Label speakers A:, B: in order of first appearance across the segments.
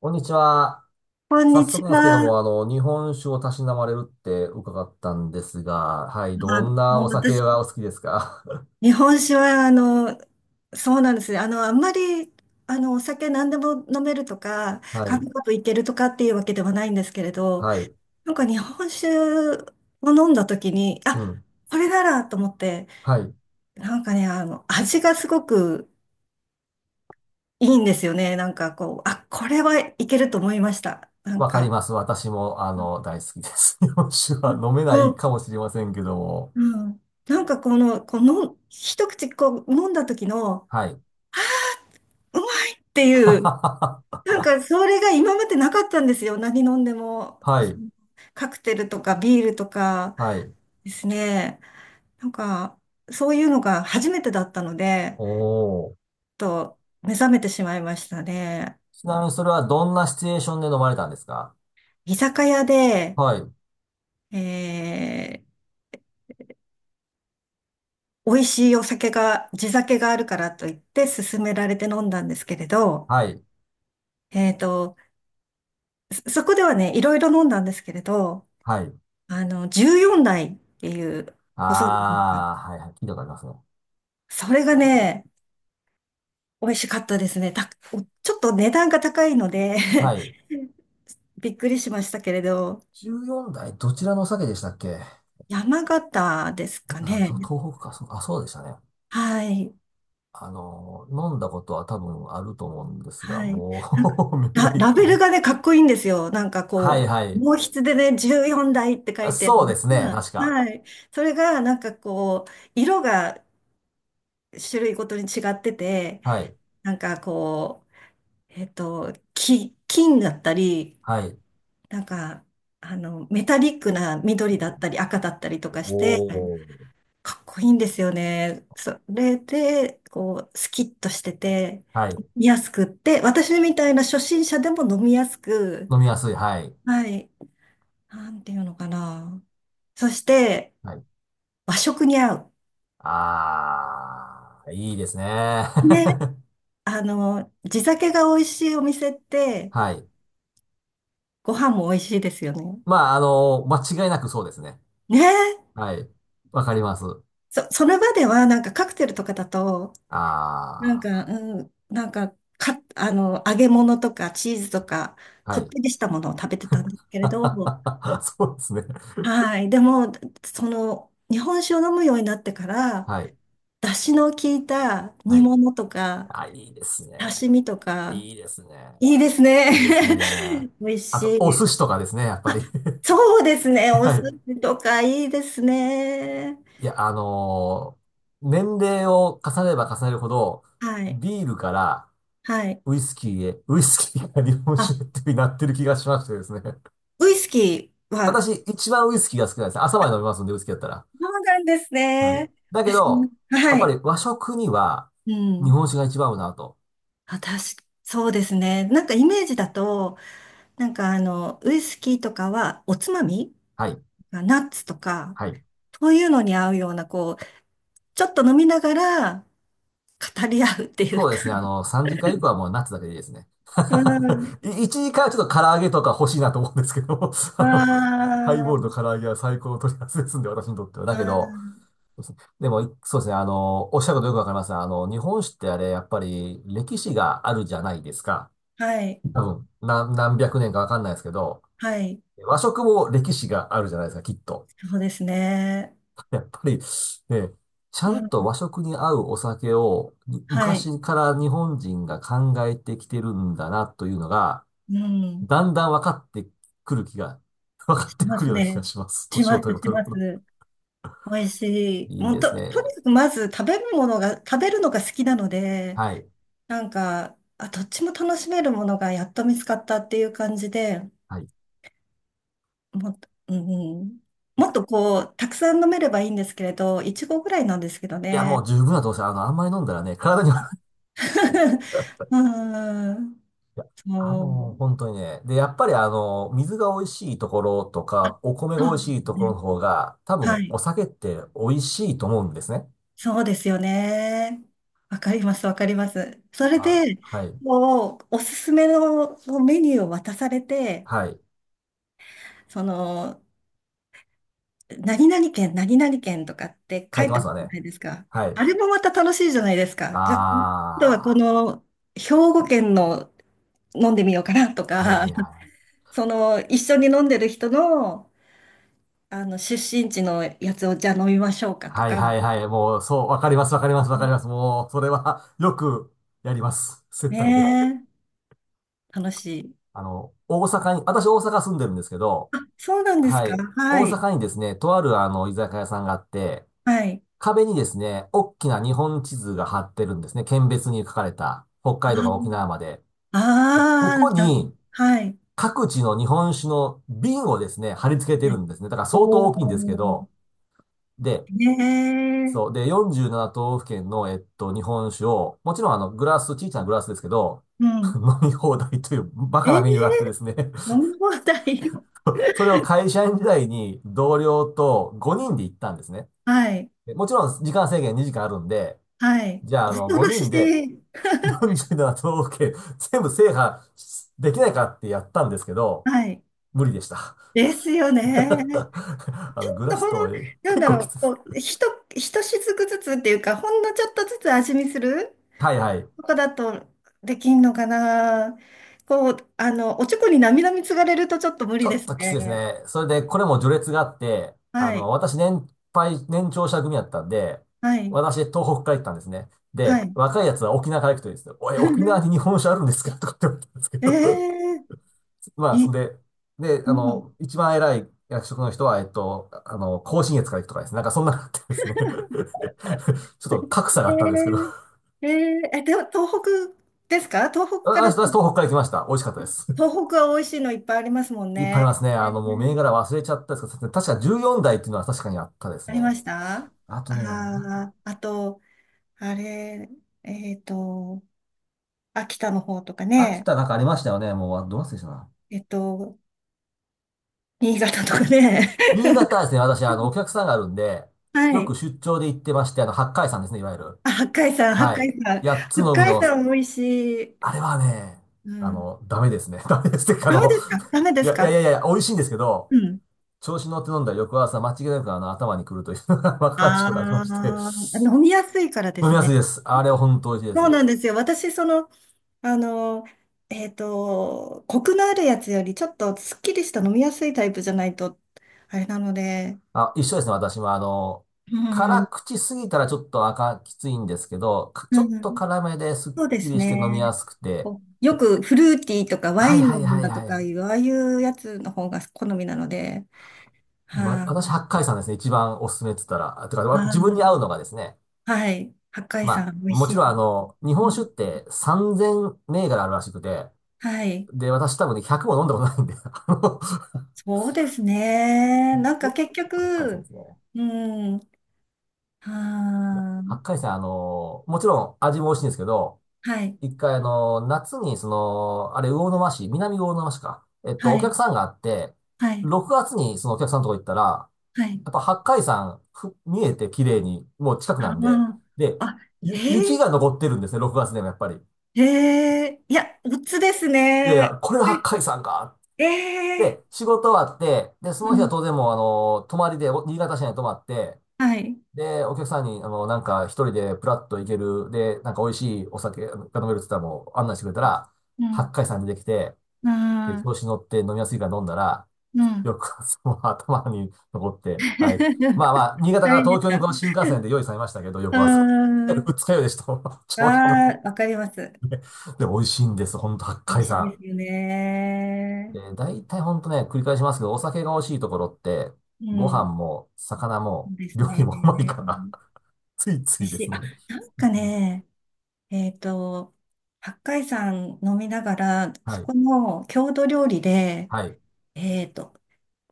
A: こんにちは。
B: こん
A: 早
B: にち
A: 速なんですけども、
B: は。
A: 日本酒をたしなまれるって伺ったんですが、はい、ど
B: あ、
A: んな
B: もう
A: お酒
B: 私、
A: がお好きですか？
B: 日本酒は、そうなんですね。あんまり、お酒何でも飲めるとか、
A: は
B: カ
A: い、
B: クカといけるとかっていうわけではないんですけれど、
A: はい、
B: なんか日本酒を飲んだ時に、
A: う
B: あ、
A: ん、
B: これならと思って、
A: はい。
B: なんかね、味がすごくいいんですよね。なんかこう、あ、これはいけると思いました。なん
A: わかり
B: か、
A: ます。私も、大好きです。日本酒は飲めな
B: う
A: い
B: ん、
A: かもしれませんけども。
B: うん。なんかこの、一口こう飲んだ時の、
A: はい。
B: うまいっていう、なんかそれが今までなかったんですよ。何飲んでも、
A: は
B: そ
A: い、
B: のカクテルとかビールとか
A: はい。
B: ですね。なんか、そういうのが初めてだったので、
A: おー。
B: ちょっと目覚めてしまいましたね。
A: ちなみにそれはどんなシチュエーションで飲まれたんですか？
B: 居酒屋で、
A: はい、
B: え美味しいお酒が、地酒があるからと言って勧められて飲んだんですけれど、
A: はい、
B: えーと、そそこではね、いろいろ飲んだんですけれど、
A: はい。
B: 14代っていう、ご存知です
A: あー、はい、はい、聞いたことありますね。
B: それがね、美味しかったですね。た、おちょっと値段が高いので
A: はい。
B: びっくりしましたけれど、
A: 14代、どちらのお酒でしたっけ？
B: 山形ですか
A: あと
B: ね。
A: 東北か、そう、あ、そうでしたね。
B: はい。
A: 飲んだことは多分あると思うんですが、
B: はい。
A: も
B: なんか
A: う 目が
B: ラ、
A: いっ
B: ラ
A: ぱ
B: ベ
A: い
B: ル
A: ね。
B: がね、かっこいいんですよ。なんか
A: はい
B: こ
A: はい。
B: う、毛筆でね、14台って書
A: あ、
B: いてある
A: そうで
B: の
A: すね、
B: が
A: 確か。
B: はい。それが、なんかこう、色が種類ごとに違ってて、
A: はい。
B: なんかこう、き金だったり、
A: はい。
B: なんか、メタリックな緑だったり赤だったりとかして、
A: おー。
B: かっこいいんですよね。それで、こう、スキッとしてて、
A: は
B: 飲
A: い。
B: みやすくって、私みたいな初心者でも飲みやすく、
A: 飲みやすい。はい。
B: はい、なんていうのかな。そして、
A: はい。
B: 和食に合う。
A: あー、いいですね。
B: ね、地酒が美味しいお店って、
A: はい。
B: ご飯も美味しいですよね。
A: まあ、間違いなくそうですね。
B: ね、
A: はい。わかります。
B: そ、その場ではなんかカクテルとかだと、なんか、
A: あ
B: うん、なんか、か、揚げ物とかチーズとか、
A: ー、は
B: こっ
A: い。
B: てりしたものを食べてたんですけれど、
A: そうですね。
B: はい。でも、その、日本酒を飲むようになってから、
A: はい。
B: 出汁の効いた
A: は
B: 煮
A: い。
B: 物とか、
A: あ、いいですね。
B: 刺身とか、
A: いいですね。
B: いいですね。
A: いいですね。
B: 美味
A: あ
B: し
A: と、お寿
B: い。
A: 司とかですね、やっぱ
B: あ、
A: り。
B: そうです ね。お寿
A: はい。
B: 司とかいいですね。
A: いや、年齢を重ねれば重ねるほど、
B: はい。
A: ビールから
B: はい。
A: ウイスキーへ、ウイスキーから日本酒
B: あ、
A: へってなってる気がしましてですね。
B: ウイスキーは、
A: 私、一番ウイスキーが好きなんです。朝まで飲みますんで、ウイスキーだったら。
B: そうなんです
A: はい。
B: ね。
A: だけ
B: 私も
A: ど、やっ
B: は
A: ぱ
B: い。
A: り和食には
B: う
A: 日
B: ん。
A: 本酒が一番合うなと。
B: あ、確か、そうですね。なんかイメージだと、なんかウイスキーとかはおつまみ
A: はい。
B: ナッツとか、
A: はい。
B: そういうのに合うような、こう、ちょっと飲みながら語り合うってい
A: そ
B: う
A: うで
B: か。
A: すね。3時間以降はもうナッツだけでいいですね。
B: う ん。
A: 1時間はちょっと唐揚げとか欲しいなと思うんですけども、
B: あ
A: ハイボールと
B: ー
A: 唐揚げは最高の取り合わせですんで、私にとっては。だ
B: あ
A: けど、
B: ー、
A: でも、そうですね。おっしゃることよくわかりますね。日本酒ってあれ、やっぱり歴史があるじゃないですか。
B: はい、
A: 多分、何百年かわかんないですけど、
B: はい、
A: 和食も歴史があるじゃないですか、きっと。
B: そうですね。
A: やっぱり、ね、ちゃ
B: う
A: んと
B: ん、
A: 和食に合うお酒をに
B: はい、
A: 昔から日本人が考えてきてるんだなというのが、
B: うん、
A: だんだん分かってくる気が、分か
B: し
A: って
B: ま
A: く
B: す
A: るような気
B: ね。
A: がします。
B: し
A: 年
B: ま
A: を取
B: す、
A: れば
B: し
A: 取る
B: ます。
A: ほど。
B: 美味しい。
A: いい
B: もう
A: です
B: と、と
A: ね。
B: にかくまず食べるものが、食べるのが好きなので、
A: はい。
B: なんか、あ、どっちも楽しめるものがやっと見つかったっていう感じで、
A: はい。い
B: もっと、うん、も
A: や、
B: っとこう、たくさん飲めればいいんですけれど、いちごぐらいなんですけど
A: いやも
B: ね。
A: う十分だと思います。あんまり飲んだらね、体には
B: うん、
A: いや、
B: そう、
A: 本当にね。で、やっぱり水が美味しいところとか、お米が美
B: そう
A: 味し
B: です
A: いところ
B: ね。
A: の方が、多
B: は
A: 分
B: い。
A: お酒って美味しいと思うんですね。
B: そうですよね。わかります、わかります。それ
A: あ、
B: で、
A: はい。
B: こう、おすすめのメニューを渡されて、
A: はい。
B: その、何々県、何々県とかって
A: 書
B: 書
A: いて
B: いて
A: ま
B: あ
A: す
B: る
A: わ
B: じゃ
A: ね。
B: ないですか。
A: はい。
B: あれもまた楽しいじゃないですか。じゃあ、今度はこ
A: あ
B: の兵庫県の飲んでみようかなと
A: あ、はい
B: か、
A: はいはい。
B: その一緒に飲んでる人の、あの出身地のやつをじゃあ飲みましょうかと
A: はい
B: か、
A: はいはい。もう、そう、わかりますわかりますわかります。もう、それは よくやります。接待で。
B: ねえ、楽しい。
A: 大阪に、私大阪住んでるんですけど、
B: あ、そうなんです
A: は
B: か。
A: い。
B: は
A: 大
B: い。
A: 阪にですね、とある居酒屋さんがあって、
B: はい。
A: 壁にですね、大きな日本地図が貼ってるんですね。県別に書かれた、北
B: あ
A: 海道から沖縄まで。でこ
B: あ
A: こ
B: ー、な
A: に、
B: はい。
A: 各地の日本酒の瓶をですね、貼り付けてる
B: ね
A: んですね。だから相当
B: お
A: 大きいんですけ
B: ー、
A: ど、で、そう。
B: ね
A: で、47都道府県の、日本酒を、もちろんグラス、小さなグラスですけど、
B: え、う
A: 飲
B: ん。
A: み放題というバ
B: え
A: カ
B: ー
A: なメニューがあってですね。
B: 飲み放題。
A: それを会社員時代に同僚と5人で行ったんですね。
B: はい、
A: でもちろん時間制限2時間あるんで、
B: はい、
A: じゃあ
B: 恐ろ
A: 5
B: し
A: 人で
B: い、
A: 47都道府県全部制覇できないかってやったんですけど、
B: はい、
A: 無理でした。
B: ですよね。
A: あ
B: ち
A: の
B: ょっ
A: グラ
B: と
A: ス
B: ほんの、
A: と
B: なん
A: 結
B: だ
A: 構
B: ろ
A: きつ
B: う、こ
A: い。
B: う、ひと、ひとしずくずつっていうか、ほんのちょっとずつ味見する
A: はいはい。
B: とかだとできんのかな。こう、おちょこになみなみつがれるとちょっと無
A: ち
B: 理
A: ょ
B: で
A: っ
B: す
A: ときついです
B: ね。
A: ね。それで、これも序列があって、
B: はい、
A: 私年配、年長者組やったんで、
B: はい、
A: 私、東北から行ったんですね。
B: は
A: で、
B: い。
A: 若いやつは沖縄から行くといいですよ。おい、沖縄に日 本酒あるんですかとかって言われたんですけ
B: え
A: ど。
B: え
A: まあ、
B: い、
A: そんで、で、
B: うん、
A: 一番偉い役職の人は、甲信越から行くとかですね。なんかそんなのあってですね。ちょっと格差が
B: え
A: あったんですけど。
B: ええええ、でも東北ですか東北から、
A: 私東北から来ました。美味しかったです。
B: 東北は美味しいのいっぱいありますも ん
A: いっぱいあり
B: ね。
A: ますね。もう銘柄忘れちゃったんですけど、確か14台っていうのは確かにあったです
B: あ
A: ね。
B: りましたあ
A: あとね、な
B: ああと、あれ、えっと、秋田の方とか
A: 秋
B: ね、
A: 田なんかありましたよね。もう、あ、どう忘れしたな。
B: えっと、新潟とかね。
A: 新潟はですね、私、お客さんがあるんで、
B: は
A: よく
B: い。
A: 出張で行ってまして、八海山ですね、いわゆる。
B: あ、八海山、八
A: は
B: 海山。
A: い。八つ
B: 八
A: の海
B: 海
A: の、
B: 山美味しい。
A: あれはね、
B: うん。
A: ダメですね。ダメですっていうか、
B: ダメですかダメで
A: い
B: す
A: や、いやい
B: か
A: やいや、美味しいんですけど、
B: うん。
A: 調子に乗って飲んだら翌朝、間違いなく頭に来るというのが 若かりしくなりま
B: あ
A: して、
B: あ、飲みやすいからで
A: 飲み
B: す
A: やすい
B: ね。
A: です。あれは本当美味しいで
B: そう
A: す。
B: なんですよ。私、その、あの、コクのあるやつより、ちょっとすっきりした飲みやすいタイプじゃないと、あれなので、
A: あ、一緒ですね、私は。
B: う
A: 辛
B: ん。
A: 口すぎたらちょっと赤きついんですけど、ちょ
B: うん
A: っ
B: う
A: と
B: ん、
A: 辛めですっ
B: そうで
A: き
B: す
A: りして飲みや
B: ね。
A: すくて。
B: こうよくフルーティーとかワ
A: はい
B: イン
A: は
B: の
A: い
B: も
A: はい
B: のと
A: はいは
B: か
A: い。
B: いう、ああいうやつの方が好みなので、
A: ま、
B: はい、
A: 私、八海山ですね、一番おすすめって言ったら。あてか、
B: あ
A: 自分に
B: ー
A: 合うのがですね。
B: はい。八海
A: ま
B: 山、
A: あ、
B: 美味
A: も
B: し
A: ち
B: い。
A: ろん日
B: う
A: 本
B: ん、
A: 酒って3000銘柄あるらしくて、
B: はい。
A: で、私多分ね、100も飲んだことないんで、
B: そうですね。なんか結
A: 八海山で
B: 局、
A: すね。
B: うん、は
A: 八海
B: ー
A: 山、もちろん味も美味しいんですけど、
B: はい、
A: 一回夏にその、あれ、魚沼市、南魚沼市か。
B: は
A: お客
B: い、
A: さんがあって、
B: はい、
A: 6月にそのお客さんのとこ行ったら、
B: はい。
A: やっぱ八海山見えて綺麗に、もう近くなんで、
B: あー、
A: で、
B: あ、え
A: 雪が残ってるんですね、6月でもやっぱり。
B: ー、えー、いや、おつです
A: いやいや、
B: ね。
A: これが八海山か。
B: え
A: で、
B: ー、
A: 仕事終わって、で、そ
B: う
A: の日は
B: ん、
A: 当然もう泊まりで、新潟市内に泊まって、
B: はい。
A: で、お客さんに、なんか一人でプラッと行ける、で、なんか美味しいお酒が飲めるって言ったらもう案内してくれたら、
B: う
A: 八
B: ん、
A: 海山にできて、
B: う
A: で、
B: ん
A: 調子に乗って飲みやすいから飲んだら、
B: うん。
A: よく その頭に残って、はい。まあま あ、新潟
B: 大
A: から
B: 変で
A: 東
B: し
A: 京に
B: た。
A: この新幹線で用意されましたけど、
B: うー
A: 翌朝。いや
B: ん。
A: 二日酔いでした。
B: あ
A: 調子に乗って。
B: あ、わかります。
A: で、美味しいんです。ほんと、八
B: 美味
A: 海
B: しい
A: 山。
B: ですよ
A: で、
B: ね。
A: 大体ほんとね、繰り返しますけど、お酒が美味しいところって、
B: う
A: ご飯
B: ん。
A: も、魚
B: そ
A: も、
B: うです
A: 料理
B: ね。
A: もうまいか
B: 美
A: ら、ついつ
B: 味
A: いで
B: しい。
A: すね。
B: あ、なんかね、えっと、八海山飲みながら、
A: は
B: そ
A: い。
B: この郷土料理で、
A: はい。
B: えっと、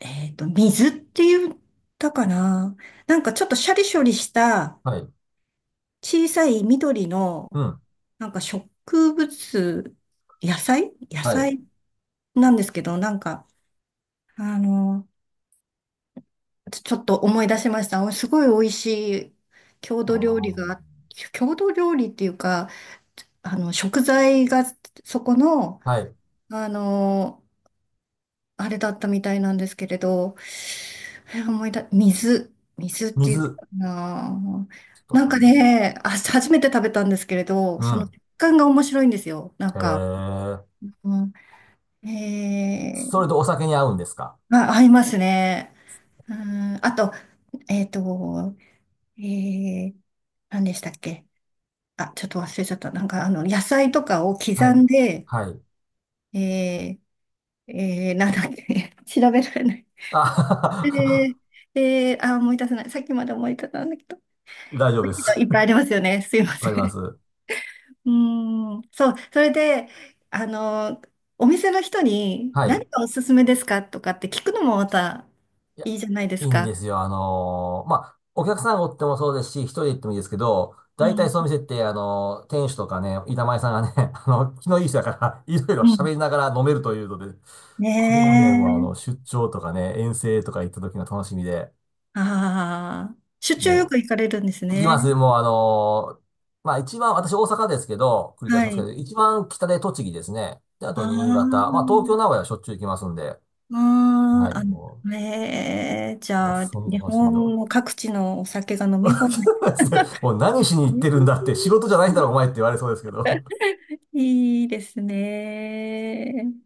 B: 水って言ったかな。なんかちょっとシャリシャリした
A: はい。
B: 小さい緑の、
A: うん。
B: なんか植物、野菜野
A: はい。
B: 菜なんですけど、なんか、あの、ちちょっと思い出しました。すごい美味しい郷
A: あ
B: 土料理
A: ー、
B: が、郷土料理っていうか、あの、食材がそこの、
A: はい。
B: あの、あれだったみたいなんですけれど、え思い出、水、水って言って
A: 水。
B: たかな。
A: ちょっとわ
B: なん
A: か
B: か
A: んないな。
B: ね、あ、初めて食べたんですけれど、
A: う
B: その
A: ん。
B: 食感が面白いんですよ。なん
A: へ
B: か、
A: え。
B: うん、え
A: それとお酒に合うんですか？
B: ー、あ、合いますね。うん、あと、えっと、ええ何でしたっけあ、ちょっと忘れちゃった。なんか、あの、野菜とかを刻
A: はい。
B: んで、
A: はい。
B: えー、えー、なんだっけ、調べられない。
A: あ
B: えー、えー、あ、思い出せない。さっきまで思い出せたんだけど。
A: 大丈夫で
B: い
A: す。
B: っぱいありますよね。すい
A: いっ
B: ま
A: ぱい
B: せ
A: ありま
B: ん。
A: す。
B: うーん、そう、それで、あの、お店の人に
A: はい。
B: 何がおすすめですかとかって聞くのもまた
A: いや、
B: いいじゃないで
A: い
B: す
A: いんで
B: か。
A: すよ。まあ、お客さんがおってもそうですし、一人で行ってもいいですけど、
B: う
A: 大体
B: ん、
A: そう見せて、店主とかね、板前さんがね、気のいい人だから、いろいろ
B: う
A: 喋
B: ん。
A: りながら飲めるというので、
B: ね
A: これがね、もう
B: え。
A: 出張とかね、遠征とか行った時の楽しみで、
B: ああ、出張よ
A: も
B: く行かれるんです
A: 行きま
B: ね。
A: す。もうまあ一番、私大阪ですけど、繰り返し
B: は
A: ますけ
B: い。
A: ど、一番北で栃木ですね。で、あ
B: あ
A: と新潟。
B: あ、
A: まあ東京、名古屋はしょっちゅう行きますんで。
B: あ
A: はい、
B: あ、あ、
A: も
B: ねえじ
A: う、なんか
B: ゃあ、
A: そんな
B: 日
A: 楽しみ
B: 本
A: を。
B: の各地のお酒が飲み放題。
A: もう何しに行っ
B: え
A: てるんだっ
B: ー
A: て、仕事じゃないんだろ、お前って言われそうですけど。
B: いいですね。